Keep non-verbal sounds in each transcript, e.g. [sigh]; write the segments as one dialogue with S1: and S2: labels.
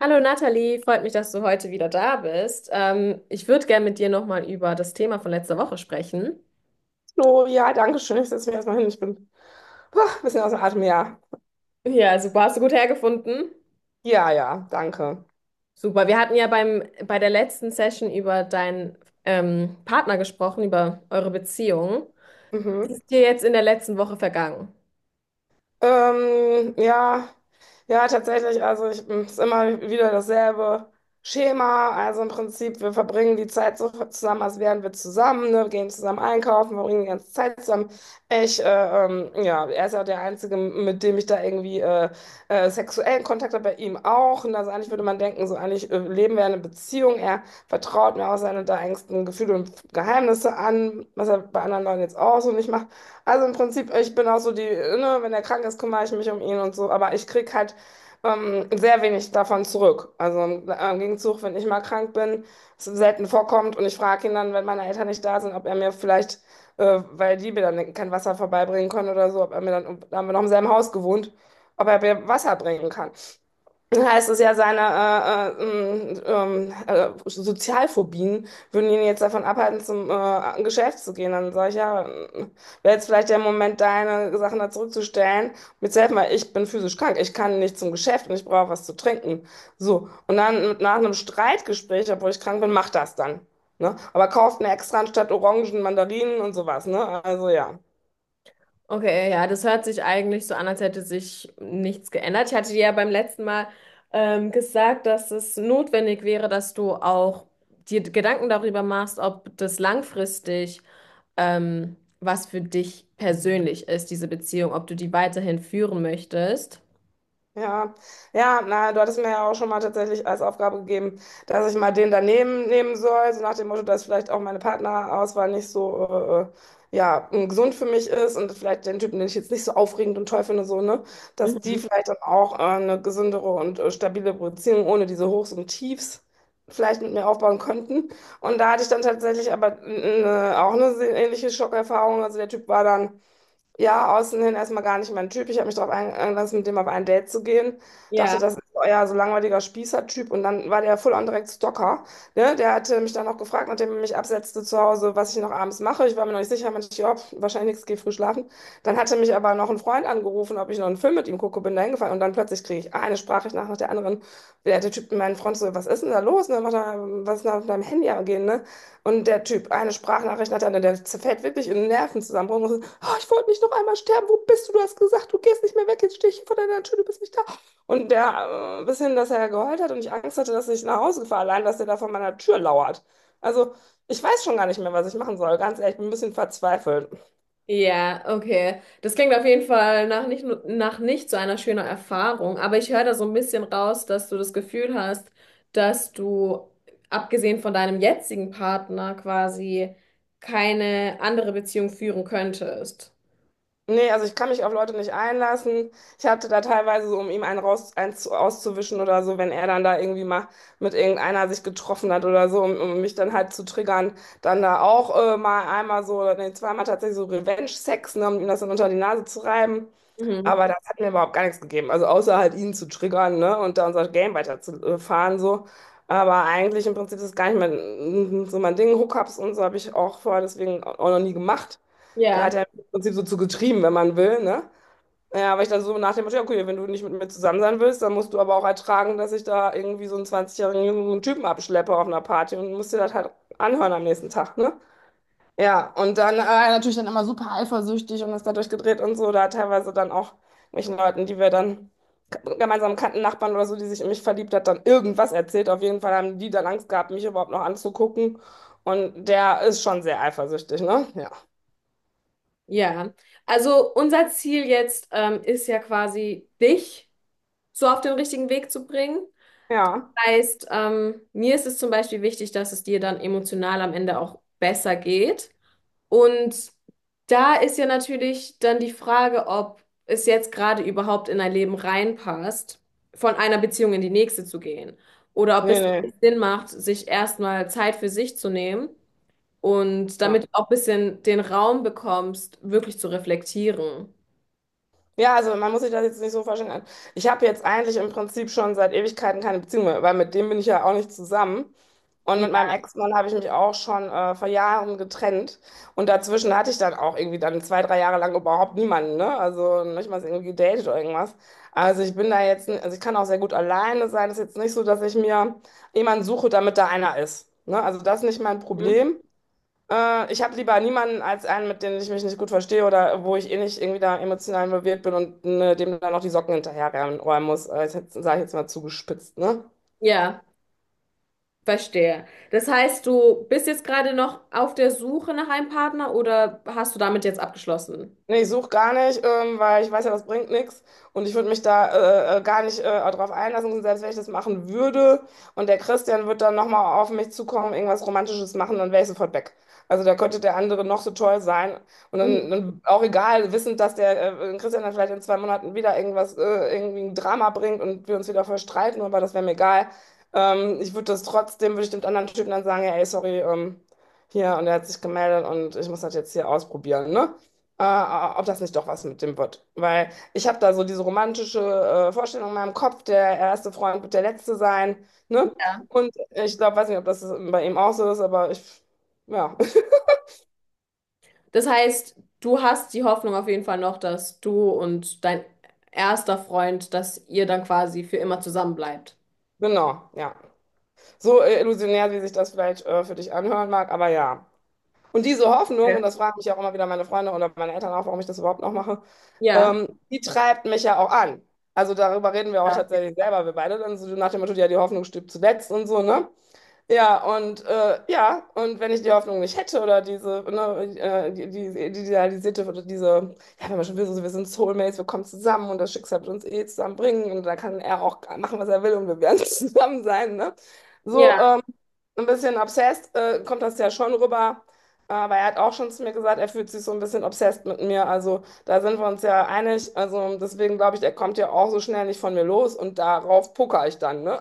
S1: Hallo Nathalie, freut mich, dass du heute wieder da bist. Ich würde gerne mit dir nochmal über das Thema von letzter Woche sprechen.
S2: Oh, ja, danke schön. Ich setze mich erstmal hin. Ich bin ein bisschen außer Atem. Ja,
S1: Ja, super, hast du gut hergefunden.
S2: ja, ja, danke.
S1: Super, wir hatten ja bei der letzten Session über deinen Partner gesprochen, über eure Beziehung. Was
S2: Mhm.
S1: ist dir jetzt in der letzten Woche vergangen?
S2: Ja, ja, tatsächlich. Also ich, es ist immer wieder dasselbe Schema. Also im Prinzip, wir verbringen die Zeit so zusammen, als wären wir zusammen, ne? Wir gehen zusammen einkaufen, verbringen die ganze Zeit zusammen. Ich, äh, ja, er ist ja der Einzige, mit dem ich da irgendwie sexuellen Kontakt habe, bei ihm auch. Und also eigentlich würde man denken, so eigentlich leben wir eine Beziehung. Er vertraut mir auch seine da engsten Gefühle und Geheimnisse an, was er bei anderen Leuten jetzt auch so nicht macht. Also im Prinzip, ich bin auch so die, ne, wenn er krank ist, kümmere ich mich um ihn und so, aber ich krieg halt sehr wenig davon zurück. Also im Gegenzug, wenn ich mal krank bin, es selten vorkommt und ich frage ihn dann, wenn meine Eltern nicht da sind, ob er mir vielleicht, weil die mir dann kein Wasser vorbeibringen können oder so, ob er mir dann, da haben wir noch im selben Haus gewohnt, ob er mir Wasser bringen kann, heißt es ja, seine Sozialphobien würden ihn jetzt davon abhalten, zum an Geschäft zu gehen. Dann sage ich, ja, wäre jetzt vielleicht der Moment, deine Sachen da zurückzustellen. Jetzt helf mal, ich bin physisch krank, ich kann nicht zum Geschäft und ich brauche was zu trinken. So, und dann nach einem Streitgespräch, obwohl ich krank bin, macht das dann. Ne? Aber kauft mir extra anstatt Orangen, Mandarinen und sowas. Ne? Also ja.
S1: Okay, ja, das hört sich eigentlich so an, als hätte sich nichts geändert. Ich hatte dir ja beim letzten Mal gesagt, dass es notwendig wäre, dass du auch dir Gedanken darüber machst, ob das langfristig was für dich persönlich ist, diese Beziehung, ob du die weiterhin führen möchtest.
S2: Ja, ja, na, du hattest mir ja auch schon mal tatsächlich als Aufgabe gegeben, dass ich mal den daneben nehmen soll, so nach dem Motto, dass vielleicht auch meine Partnerauswahl nicht so, ja, gesund für mich ist und vielleicht den Typen, den ich jetzt nicht so aufregend und toll finde, so, ne, dass die
S1: Mhm.
S2: vielleicht dann auch eine gesündere und stabile Beziehung ohne diese Hochs und Tiefs vielleicht mit mir aufbauen könnten. Und da hatte ich dann tatsächlich aber auch eine ähnliche Schockerfahrung. Also der Typ war dann ja, außen hin erstmal gar nicht mein Typ. Ich habe mich darauf eingelassen, mit dem auf ein Date zu gehen.
S1: Ja,
S2: Dachte, das ist euer so langweiliger Spießer-Typ. Und dann war der full on direkt Stalker. Ne? Der hatte mich dann auch gefragt, nachdem er mich absetzte zu Hause, was ich noch abends mache. Ich war mir noch nicht sicher, meinte ich, ja, wahrscheinlich nichts, geh früh schlafen. Dann hatte mich aber noch ein Freund angerufen, ob ich noch einen Film mit ihm gucke, bin da hingefallen. Und dann plötzlich kriege ich eine Sprachnachricht nach der anderen. Der Typ, mein Freund, so, was ist denn da los? Ne? Macht er, was ist denn da auf deinem Handy gehen? Ne? Und der Typ, eine Sprachnachricht hat er, der zerfällt wirklich in einen Nervenzusammenbruch. Und so, oh, ich wollte nicht noch einmal sterben. Wo bist du? Du hast gesagt, du gehst nicht mehr weg. Jetzt stehe ich hier vor deiner Tür, du bist nicht da. Und der, bis hin, dass er geheult hat und ich Angst hatte, dass ich nach Hause fahre, allein, dass er da vor meiner Tür lauert. Also, ich weiß schon gar nicht mehr, was ich machen soll. Ganz ehrlich, ich bin ein bisschen verzweifelt.
S1: ja, okay. Das klingt auf jeden Fall nach nicht, nur- nach nicht so einer schönen Erfahrung, aber ich höre da so ein bisschen raus, dass du das Gefühl hast, dass du, abgesehen von deinem jetzigen Partner, quasi keine andere Beziehung führen könntest.
S2: Nee, also ich kann mich auf Leute nicht einlassen. Ich hatte da teilweise so, um ihm einen raus, einen auszuwischen oder so, wenn er dann da irgendwie mal mit irgendeiner sich getroffen hat oder so, um mich dann halt zu triggern, dann da auch mal einmal so, nee, zweimal tatsächlich so Revenge-Sex, ne, um ihm das dann unter die Nase zu reiben.
S1: Mhm.
S2: Aber das hat mir überhaupt gar nichts gegeben. Also außer halt ihn zu triggern, ne, und da unser Game weiterzufahren, so. Aber eigentlich im Prinzip ist es gar nicht mein, so mein Ding. Hookups und so habe ich auch vorher deswegen auch noch nie gemacht. Da
S1: Ja,
S2: hat er im Prinzip so zu getrieben, wenn man will, ne? Ja, weil ich dann so nach dem Motto, ja, okay, wenn du nicht mit mir zusammen sein willst, dann musst du aber auch ertragen, dass ich da irgendwie so einen 20-jährigen jungen Typen abschleppe auf einer Party und musst dir das halt anhören am nächsten Tag, ne? Ja, und dann natürlich dann immer super eifersüchtig und ist dadurch gedreht und so, da teilweise dann auch welchen Leuten, die wir dann gemeinsam kannten, Nachbarn oder so, die sich in mich verliebt hat, dann irgendwas erzählt. Auf jeden Fall haben die dann Angst gehabt, mich überhaupt noch anzugucken. Und der ist schon sehr eifersüchtig, ne? Ja.
S1: ja. Also unser Ziel jetzt ist ja quasi dich so auf den richtigen Weg zu bringen.
S2: Ja.
S1: Heißt, mir ist es zum Beispiel wichtig, dass es dir dann emotional am Ende auch besser geht. Und da ist ja natürlich dann die Frage, ob es jetzt gerade überhaupt in dein Leben reinpasst, von einer Beziehung in die nächste zu gehen. Oder ob
S2: Nee,
S1: es
S2: nee.
S1: Sinn macht, sich erstmal Zeit für sich zu nehmen und
S2: Ja.
S1: damit du auch ein bisschen den Raum bekommst, wirklich zu reflektieren.
S2: Ja, also man muss sich das jetzt nicht so vorstellen. Also ich habe jetzt eigentlich im Prinzip schon seit Ewigkeiten keine Beziehung mehr, weil mit dem bin ich ja auch nicht zusammen. Und
S1: Ja.
S2: mit meinem Ex-Mann habe ich mich auch schon vor Jahren getrennt. Und dazwischen hatte ich dann auch irgendwie dann 2, 3 Jahre lang überhaupt niemanden, ne? Also nicht mal irgendwie gedatet oder irgendwas. Also ich bin da jetzt, also ich kann auch sehr gut alleine sein. Es ist jetzt nicht so, dass ich mir jemanden suche, damit da einer ist. Ne? Also das ist nicht mein Problem. Ich habe lieber niemanden als einen, mit dem ich mich nicht gut verstehe oder wo ich eh nicht irgendwie da emotional involviert bin und ne, dem dann noch die Socken hinterherräumen muss. Das sage ich jetzt mal zugespitzt, ne?
S1: Ja, verstehe. Das heißt, du bist jetzt gerade noch auf der Suche nach einem Partner oder hast du damit jetzt abgeschlossen?
S2: Nee, ich suche gar nicht, weil ich weiß ja, das bringt nichts. Und ich würde mich da gar nicht darauf einlassen, selbst wenn ich das machen würde. Und der Christian wird dann nochmal auf mich zukommen, irgendwas Romantisches machen, dann wäre ich sofort weg. Also da könnte der andere noch so toll sein. Und
S1: Mhm.
S2: dann auch egal, wissend, dass der Christian dann vielleicht in 2 Monaten wieder irgendwas, irgendwie ein Drama bringt und wir uns wieder verstreiten, aber das wäre mir egal. Ich würde das trotzdem, würde ich dem anderen Typen dann sagen, ja, ey, sorry, hier, und er hat sich gemeldet und ich muss das jetzt hier ausprobieren, ne? Ob das nicht doch was mit dem wird. Weil ich habe da so diese romantische Vorstellung in meinem Kopf, der erste Freund wird der letzte sein, ne? Und ich glaube, weiß nicht, ob das bei ihm auch so ist, aber ich, ja,
S1: Das heißt, du hast die Hoffnung auf jeden Fall noch, dass du und dein erster Freund, dass ihr dann quasi für immer zusammen bleibt.
S2: [laughs] genau, ja. So illusionär, wie sich das vielleicht für dich anhören mag, aber ja. Und diese Hoffnung,
S1: Ja.
S2: und das fragen mich auch immer wieder meine Freunde oder meine Eltern auch, warum ich das überhaupt noch mache,
S1: Ja,
S2: die treibt mich ja auch an. Also darüber reden wir auch
S1: ja.
S2: tatsächlich selber, wir beide dann so nach dem Motto, ja, die Hoffnung stirbt zuletzt und so, ne? Ja, und ja, und wenn ich die Hoffnung nicht hätte oder diese, ne, die idealisierte oder diese, ja, wenn man schon will, so, wir sind Soulmates, wir kommen zusammen und das Schicksal wird uns eh zusammenbringen und da kann er auch machen, was er will und wir werden [laughs] zusammen sein, ne? So
S1: Ja,
S2: ein bisschen obsessed kommt das ja schon rüber, aber er hat auch schon zu mir gesagt, er fühlt sich so ein bisschen obsessed mit mir, also da sind wir uns ja einig, also deswegen glaube ich, er kommt ja auch so schnell nicht von mir los und darauf pokere ich dann, ne?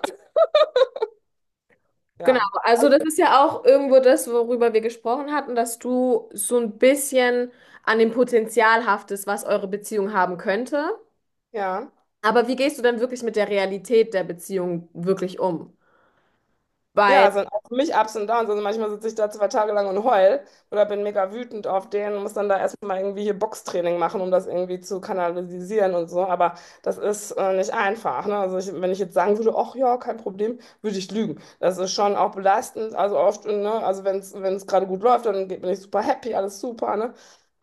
S1: genau.
S2: Ja,
S1: Also das ist ja auch irgendwo das, worüber wir gesprochen hatten, dass du so ein bisschen an dem Potenzial haftest, was eure Beziehung haben könnte.
S2: ja.
S1: Aber wie gehst du denn wirklich mit der Realität der Beziehung wirklich um? Weil,
S2: Ja, es sind auch für mich Ups und Downs. Also manchmal sitze ich da 2 Tage lang und heul oder bin mega wütend auf den und muss dann da erstmal irgendwie hier Boxtraining machen, um das irgendwie zu kanalisieren und so. Aber das ist nicht einfach. Ne? Also ich, wenn ich jetzt sagen würde, ach ja, kein Problem, würde ich lügen. Das ist schon auch belastend. Also oft, ne? Also wenn es gerade gut läuft, dann bin ich super happy, alles super. Ne?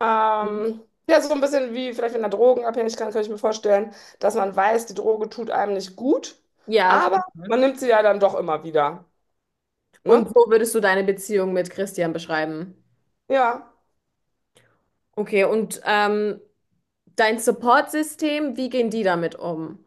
S2: Ähm, ja, so ein bisschen wie vielleicht in der Drogenabhängigkeit kann ich mir vorstellen, dass man weiß, die Droge tut einem nicht gut,
S1: ja, auf
S2: aber
S1: jeden Fall. Mhm.
S2: man nimmt sie ja dann doch immer wieder.
S1: Und
S2: Ne?
S1: so würdest du deine Beziehung mit Christian beschreiben?
S2: Ja,
S1: Okay, und dein Support-System, wie gehen die damit um?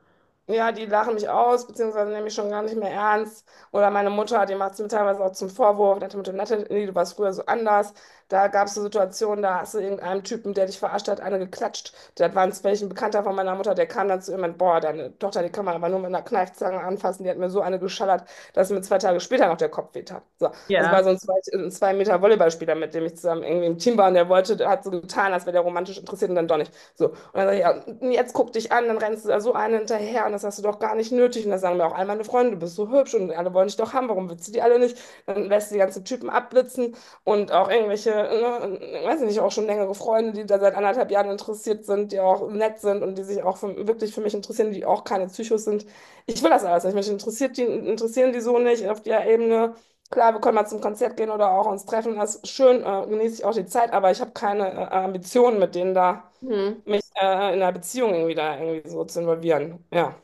S2: ja, die lachen mich aus, beziehungsweise nehmen mich schon gar nicht mehr ernst. Oder meine Mutter, die macht es mir teilweise auch zum Vorwurf. Nach dem Motto, Natalie, nee, du warst früher so anders. Da gab es so Situationen, da hast du irgendeinem Typen, der dich verarscht hat, eine geklatscht. Das war ein welchen Bekannter von meiner Mutter, der kam dann zu ihm und, boah, deine Tochter, die kann man aber nur mit einer Kneifzange anfassen. Die hat mir so eine geschallert, dass mir 2 Tage später noch der Kopf wehtat. So, das war
S1: Ja.
S2: so ein zwei, ein 2 Meter Volleyballspieler, mit dem ich zusammen irgendwie im Team war und der wollte, hat so getan, als wäre der romantisch interessiert und dann doch nicht. So. Und dann sag ich, ja, und jetzt guck dich an, dann rennst du da so einen hinterher und das hast du doch gar nicht nötig. Und dann sagen mir auch all meine Freunde, du bist so hübsch und alle wollen dich doch haben, warum willst du die alle nicht? Dann lässt du die ganzen Typen abblitzen und auch irgendwelche, ne, weiß ich nicht, auch schon längere Freunde, die da seit 1,5 Jahren interessiert sind, die auch nett sind und die sich auch für, wirklich für mich interessieren, die auch keine Psychos sind. Ich will das alles nicht. Mich interessiert die, interessieren die so nicht auf der Ebene. Klar, wir können mal zum Konzert gehen oder auch uns treffen. Das ist schön, genieße ich auch die Zeit, aber ich habe keine Ambitionen mit denen da
S1: Mhm.
S2: mich in der Beziehung irgendwie da irgendwie so zu involvieren. Ja.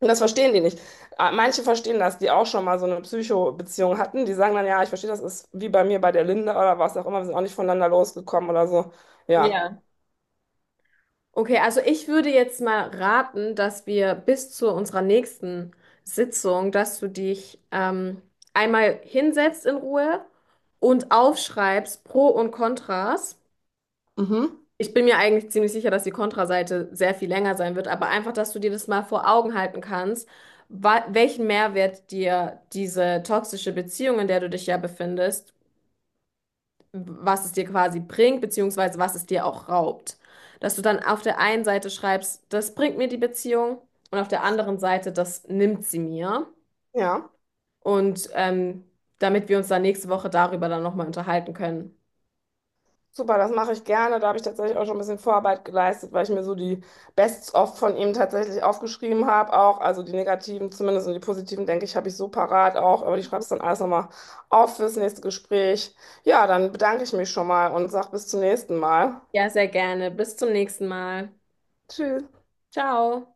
S2: Und das verstehen die nicht. Manche verstehen das, die auch schon mal so eine Psycho-Beziehung hatten. Die sagen dann, ja, ich verstehe, das ist wie bei mir bei der Linde oder was auch immer, wir sind auch nicht voneinander losgekommen oder so. Ja.
S1: Ja. Okay, also ich würde jetzt mal raten, dass wir bis zu unserer nächsten Sitzung, dass du dich einmal hinsetzt in Ruhe und aufschreibst Pro und Kontras.
S2: Mhm.
S1: Ich bin mir eigentlich ziemlich sicher, dass die Kontraseite sehr viel länger sein wird, aber einfach, dass du dir das mal vor Augen halten kannst, welchen Mehrwert dir diese toxische Beziehung, in der du dich ja befindest, was es dir quasi bringt, beziehungsweise was es dir auch raubt. Dass du dann auf der einen Seite schreibst, das bringt mir die Beziehung und auf der anderen Seite, das nimmt sie mir.
S2: Ja.
S1: Und damit wir uns dann nächste Woche darüber dann nochmal unterhalten können.
S2: Super, das mache ich gerne. Da habe ich tatsächlich auch schon ein bisschen Vorarbeit geleistet, weil ich mir so die Bests-of von ihm tatsächlich aufgeschrieben habe. Auch, also die negativen zumindest und die positiven, denke ich, habe ich so parat auch. Aber ich schreibe es dann alles nochmal auf fürs nächste Gespräch. Ja, dann bedanke ich mich schon mal und sag bis zum nächsten Mal.
S1: Ja, sehr gerne. Bis zum nächsten Mal.
S2: Tschüss.
S1: Ciao.